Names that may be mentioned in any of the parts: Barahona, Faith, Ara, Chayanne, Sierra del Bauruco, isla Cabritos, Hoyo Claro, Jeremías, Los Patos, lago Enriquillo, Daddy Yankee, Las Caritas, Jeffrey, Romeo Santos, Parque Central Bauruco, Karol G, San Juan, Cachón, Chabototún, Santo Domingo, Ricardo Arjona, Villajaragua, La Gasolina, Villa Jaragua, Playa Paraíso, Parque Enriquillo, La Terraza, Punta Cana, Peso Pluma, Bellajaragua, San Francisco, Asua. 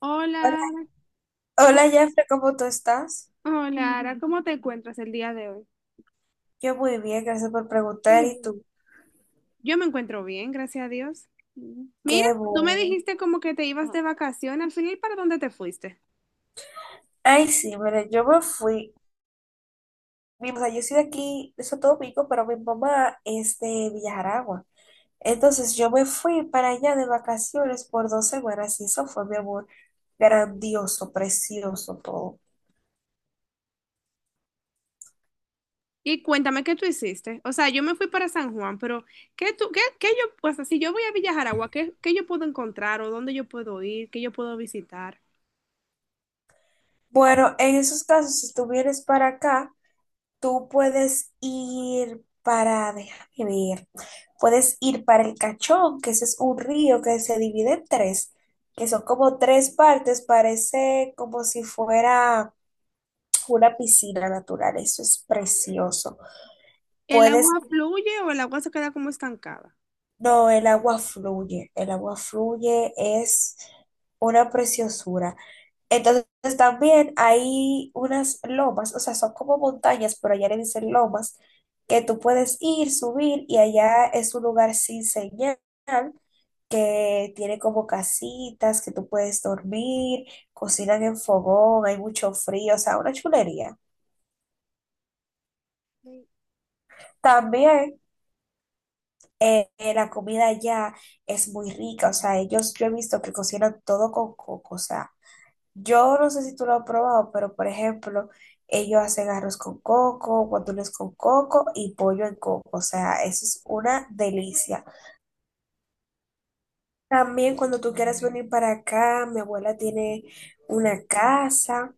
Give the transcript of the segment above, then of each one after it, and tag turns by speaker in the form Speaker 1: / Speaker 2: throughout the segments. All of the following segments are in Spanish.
Speaker 1: Hola,
Speaker 2: Hola,
Speaker 1: Ara. ¿cómo-
Speaker 2: hola Jeffrey, ¿cómo tú estás?
Speaker 1: Hola, Ara. Mm. ¿Cómo te encuentras el día de hoy?
Speaker 2: Yo muy bien, gracias por preguntar. ¿Y tú?
Speaker 1: Yo me encuentro bien, gracias a Dios. Mira,
Speaker 2: Qué
Speaker 1: tú me
Speaker 2: bueno.
Speaker 1: dijiste como que te ibas de vacaciones. Al final, ¿para dónde te fuiste?
Speaker 2: Ay, sí, mira, yo me fui. O sea, yo soy de aquí, de Santo Domingo, pero mi mamá es de Villajaragua. Entonces yo me fui para allá de vacaciones por 2 semanas y eso fue, mi amor, grandioso, precioso todo.
Speaker 1: Y cuéntame qué tú hiciste. O sea, yo me fui para San Juan, pero ¿qué tú, qué yo, pues si yo voy a Villa Jaragua, ¿qué yo puedo encontrar o dónde yo puedo ir, qué yo puedo visitar?
Speaker 2: Bueno, en esos casos, si tú vienes para acá, tú puedes ir para, déjame ver, puedes ir para el Cachón, que ese es un río que se divide en tres, que son como tres partes, parece como si fuera una piscina natural, eso es precioso.
Speaker 1: ¿El
Speaker 2: Puedes,
Speaker 1: agua fluye o el agua se queda como estancada?
Speaker 2: no, el agua fluye, es una preciosura. Entonces también hay unas lomas, o sea, son como montañas, pero allá le dicen lomas, que tú puedes ir, subir y allá es un lugar sin señal, que tiene como casitas, que tú puedes dormir, cocinan en fogón, hay mucho frío, o sea, una chulería. También la comida allá es muy rica, o sea, ellos yo he visto que cocinan todo con coco, o sea, yo no sé si tú lo has probado, pero por ejemplo, ellos hacen arroz con coco, guandules con coco y pollo en coco. O sea, eso es una delicia. También cuando tú quieras venir para acá, mi abuela tiene una casa.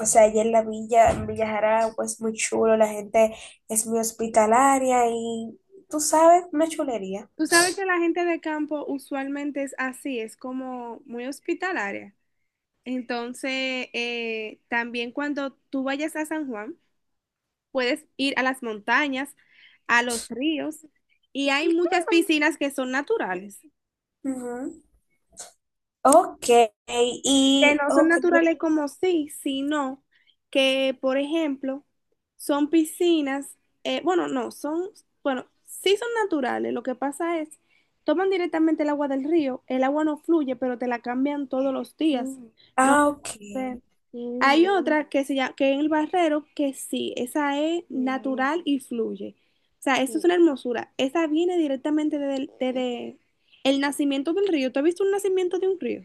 Speaker 2: O sea, allá en la villa, en Villa Jaragua, es muy chulo, la gente es muy hospitalaria y tú sabes, una chulería.
Speaker 1: Tú sabes que la gente de campo usualmente es así, es como muy hospitalaria. Entonces, también cuando tú vayas a San Juan, puedes ir a las montañas, a los ríos, y hay muchas piscinas que son naturales,
Speaker 2: Ujú. Ok,
Speaker 1: que
Speaker 2: y
Speaker 1: no son
Speaker 2: ok,
Speaker 1: naturales como sí, sino que, por ejemplo, son piscinas, bueno, no, son, bueno, sí son naturales, lo que pasa es, toman directamente el agua del río, el agua no fluye, pero te la cambian todos los días. Mm. No.
Speaker 2: ah, ok.
Speaker 1: Ve. Hay otra que se llama, que en el barrero, que sí, esa es natural y fluye. O sea, eso es sí, una hermosura. Esa viene directamente desde el nacimiento del río. ¿Tú has visto un nacimiento de un río?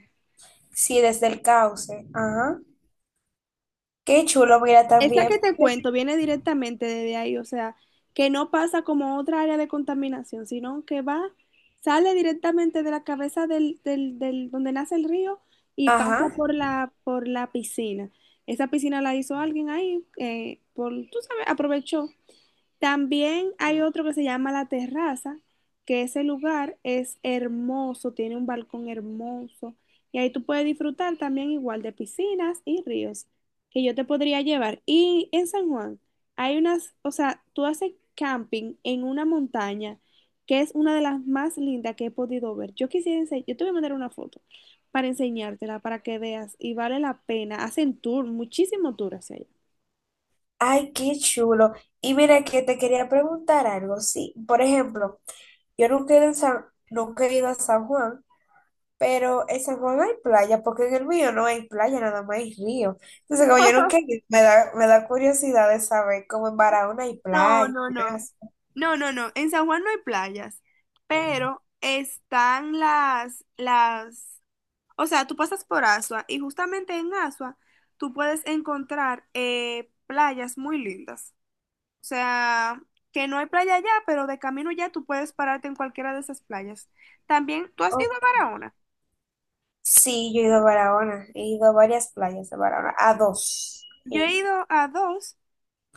Speaker 2: Sí, desde el cauce. Ajá. Qué chulo, mira,
Speaker 1: Esa
Speaker 2: también.
Speaker 1: que te
Speaker 2: Pues,
Speaker 1: cuento viene directamente desde ahí, o sea, que no pasa como otra área de contaminación, sino que va, sale directamente de la cabeza del donde nace el río y pasa
Speaker 2: ajá.
Speaker 1: por la piscina. Esa piscina la hizo alguien ahí, por, tú sabes, aprovechó. También hay otro que se llama La Terraza, que ese lugar es hermoso, tiene un balcón hermoso y ahí tú puedes disfrutar también igual de piscinas y ríos que yo te podría llevar. Y en San Juan hay unas, o sea, tú haces camping en una montaña que es una de las más lindas que he podido ver. Yo quisiera enseñar, yo te voy a mandar una foto para enseñártela, para que veas y vale la pena. Hacen tour, muchísimo tour hacia allá.
Speaker 2: Ay, qué chulo. Y mira que te quería preguntar algo. Sí, por ejemplo, yo nunca he ido, en nunca he ido a San Juan, pero en San Juan hay playa, porque en el mío no hay playa, nada más hay río. Entonces, como yo nunca he ido, me da curiosidad de saber cómo en Barahona hay
Speaker 1: No,
Speaker 2: playas.
Speaker 1: no, no. No, no, no. En San Juan no hay playas, pero están las, o sea, tú pasas por Asua y justamente en Asua tú puedes encontrar playas muy lindas. O sea, que no hay playa allá, pero de camino ya tú puedes pararte en cualquiera de esas playas. También, ¿tú has ido
Speaker 2: Oh,
Speaker 1: a Barahona?
Speaker 2: sí, yo he ido a Barahona, he ido a varias playas de Barahona, a dos.
Speaker 1: Yo he ido a dos,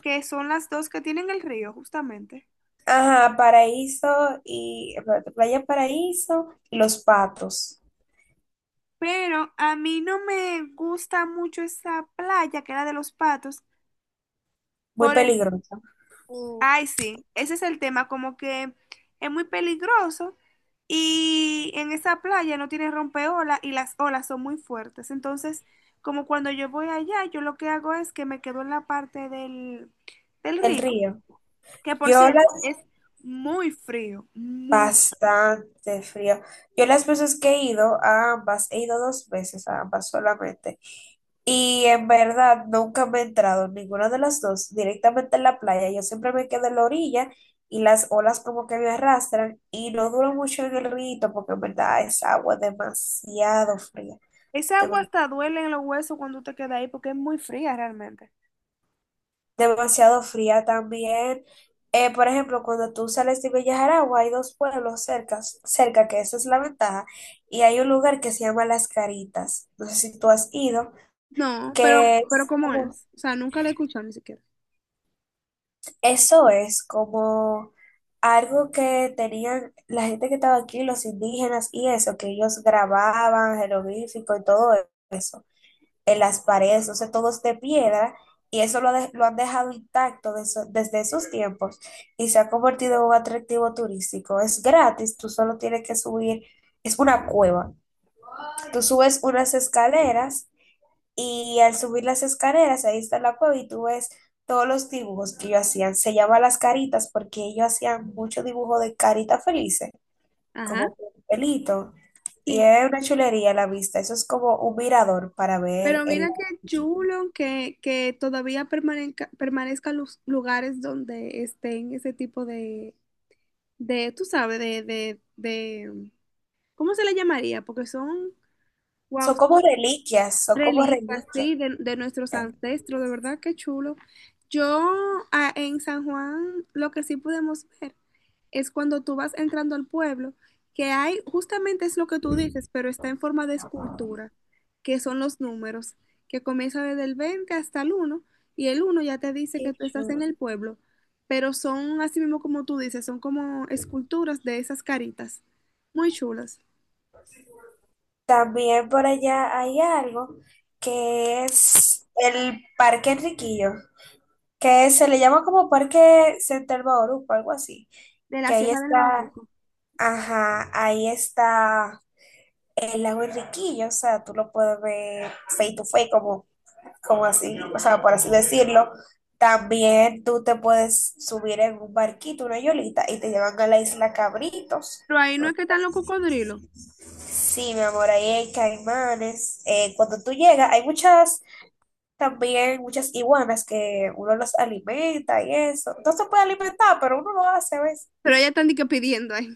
Speaker 1: que son las dos que tienen el río, justamente.
Speaker 2: Ajá, Paraíso y espérate, Playa Paraíso y Los Patos.
Speaker 1: Pero a mí no me gusta mucho esa playa que era de los patos
Speaker 2: Muy
Speaker 1: por el.
Speaker 2: peligroso.
Speaker 1: Ay, sí, ese es el tema, como que es muy peligroso y en esa playa no tiene rompeolas y las olas son muy fuertes. Entonces, como cuando yo voy allá, yo lo que hago es que me quedo en la parte del
Speaker 2: El
Speaker 1: río,
Speaker 2: río.
Speaker 1: que por
Speaker 2: Yo
Speaker 1: cierto
Speaker 2: las
Speaker 1: es muy frío, muy...
Speaker 2: bastante frío. Yo las veces que he ido a ambas, he ido dos veces a ambas solamente. Y en verdad nunca me he entrado en ninguna de las dos directamente en la playa. Yo siempre me quedo en la orilla y las olas como que me arrastran y no duro mucho en el río porque en verdad es agua demasiado fría.
Speaker 1: Esa agua hasta duele en los huesos cuando te quedas ahí porque es muy fría realmente.
Speaker 2: Demasiado fría también. Por ejemplo, cuando tú sales de Bellajaragua, hay dos pueblos cerca, cerca, que esa es la ventaja, y hay un lugar que se llama Las Caritas. No sé si tú has ido,
Speaker 1: No,
Speaker 2: que
Speaker 1: pero
Speaker 2: es
Speaker 1: ¿cómo
Speaker 2: como-
Speaker 1: es? O sea, nunca la he escuchado ni siquiera.
Speaker 2: eso es como algo que tenían la gente que estaba aquí, los indígenas y eso, que ellos grababan jeroglífico y todo eso. En las paredes, o sea, todo es de piedra y eso lo han dejado intacto desde esos tiempos y se ha convertido en un atractivo turístico. Es gratis, tú solo tienes que subir, es una cueva. Tú subes unas escaleras y al subir las escaleras, ahí está la cueva y tú ves todos los dibujos que ellos hacían. Se llama las caritas porque ellos hacían mucho dibujo de caritas felices,
Speaker 1: Ajá.
Speaker 2: como con un pelito. Y
Speaker 1: Sí.
Speaker 2: es una chulería a la vista. Eso es como un mirador para ver
Speaker 1: Pero
Speaker 2: el...
Speaker 1: mira qué chulo que, que todavía permanezcan los lugares donde estén ese tipo de, tú sabes, ¿cómo se le llamaría? Porque son, wow,
Speaker 2: Son
Speaker 1: son
Speaker 2: como reliquias, son como
Speaker 1: reliquias,
Speaker 2: reliquias.
Speaker 1: sí, de nuestros ancestros, de verdad qué chulo. Yo en San Juan lo que sí pudimos ver es cuando tú vas entrando al pueblo, que hay, justamente es lo que tú dices, pero está en forma de escultura, que son los números, que comienza desde el 20 hasta el 1 y el 1 ya te dice que
Speaker 2: Qué
Speaker 1: tú estás en
Speaker 2: chulo.
Speaker 1: el pueblo, pero son así mismo como tú dices, son como esculturas de esas caritas, muy chulas,
Speaker 2: También por allá hay algo que es el Parque Enriquillo, que se le llama como Parque Central Bauruco, algo así.
Speaker 1: de la
Speaker 2: Que ahí
Speaker 1: Sierra del
Speaker 2: está,
Speaker 1: Bauruco.
Speaker 2: ajá, ahí está el lago Enriquillo, o sea, tú lo puedes ver face to face, como, así, o sea, por así decirlo. También tú te puedes subir en un barquito, una yolita, y te llevan a la isla Cabritos.
Speaker 1: Pero ahí no es que están los cocodrilos,
Speaker 2: Sí, mi amor, ahí hay caimanes. Cuando tú llegas, hay muchas, también muchas iguanas que uno los alimenta y eso. No se puede alimentar, pero uno lo hace, ¿ves?
Speaker 1: pero ya están di que pidiendo ahí,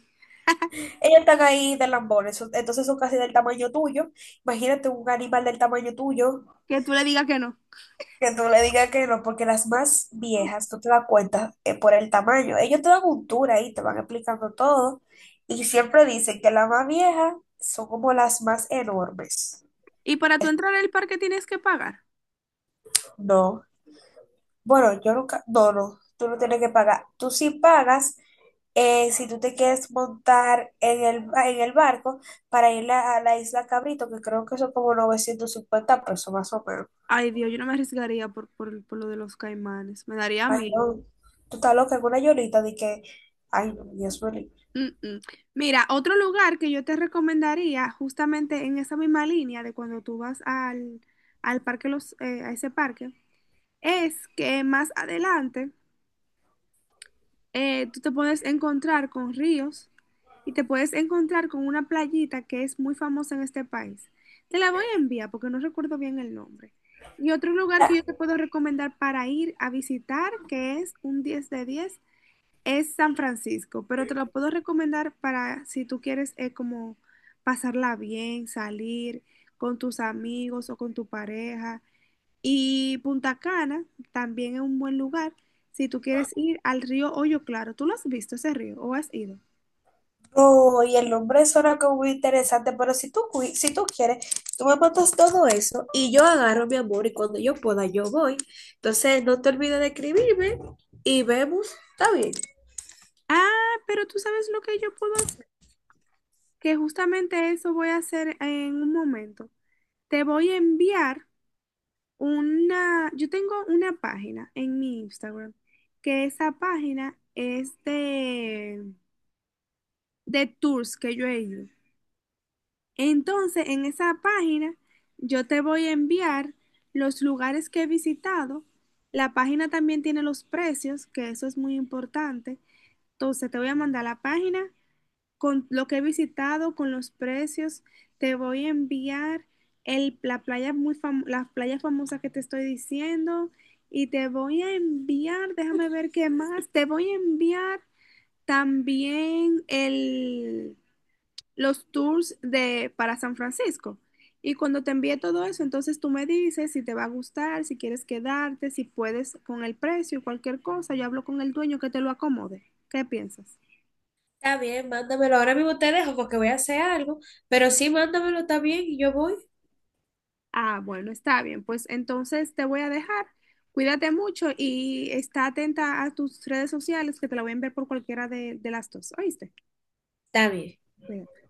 Speaker 2: Ellos están ahí de lambones, entonces son casi del tamaño tuyo. Imagínate un animal del tamaño tuyo,
Speaker 1: que tú le digas que no.
Speaker 2: que tú le digas que no, porque las más viejas, tú te das cuenta por el tamaño. Ellos te dan un tour ahí, te van explicando todo. Y siempre dicen que las más viejas son como las más enormes.
Speaker 1: Y para tú entrar al parque tienes que pagar.
Speaker 2: No. Bueno, yo nunca, no, no, tú no tienes que pagar. Tú sí pagas si tú te quieres montar en el barco para ir a la isla Cabrito, que creo que son como 950 pesos más o menos.
Speaker 1: Ay, Dios, yo no me arriesgaría por lo de los caimanes. Me daría
Speaker 2: Ay,
Speaker 1: miedo.
Speaker 2: no, tú estás loca en una llorita de que, ay, no, Dios mío.
Speaker 1: Mm, mm. Mira, otro lugar que yo te recomendaría, justamente en esa misma línea de cuando tú vas al parque, a ese parque, es que más adelante tú te puedes encontrar con ríos y te puedes encontrar con una playita que es muy famosa en este país. Te la voy a enviar porque no recuerdo bien el nombre. Y otro lugar que
Speaker 2: Ah,
Speaker 1: yo te puedo recomendar para ir a visitar, que es un 10 de 10. Es San Francisco, pero te lo puedo recomendar para si tú quieres como pasarla bien, salir con tus amigos o con tu pareja. Y Punta Cana también es un buen lugar si tú quieres ir al río Hoyo Claro. ¿Tú lo has visto ese río o has ido?
Speaker 2: no, y el nombre suena como muy interesante, pero si tú, si tú quieres, tú me montas todo eso y yo agarro mi amor y cuando yo pueda yo voy. Entonces, no te olvides de escribirme y vemos, está bien.
Speaker 1: Ah, pero tú sabes lo que yo puedo hacer, que justamente eso voy a hacer en un momento. Te voy a enviar una, yo tengo una página en mi Instagram, que esa página es de tours que yo he ido. Entonces, en esa página, yo te voy a enviar los lugares que he visitado. La página también tiene los precios, que eso es muy importante. Entonces, te voy a mandar la página con lo que he visitado, con los precios. Te voy a enviar la playa muy fam- las playas famosas que te estoy diciendo y te voy a enviar, déjame ver qué más, te voy a enviar también el, los tours de, para San Francisco. Y cuando te envíe todo eso, entonces tú me dices si te va a gustar, si quieres quedarte, si puedes con el precio, cualquier cosa. Yo hablo con el dueño que te lo acomode. ¿Qué piensas?
Speaker 2: Está bien, mándamelo. Ahora mismo te dejo porque voy a hacer algo, pero sí, mándamelo, está bien, y yo voy,
Speaker 1: Ah, bueno, está bien. Pues entonces te voy a dejar. Cuídate mucho y está atenta a tus redes sociales que te la voy a enviar por cualquiera de las dos. ¿Oíste?
Speaker 2: está bien.
Speaker 1: Cuídate.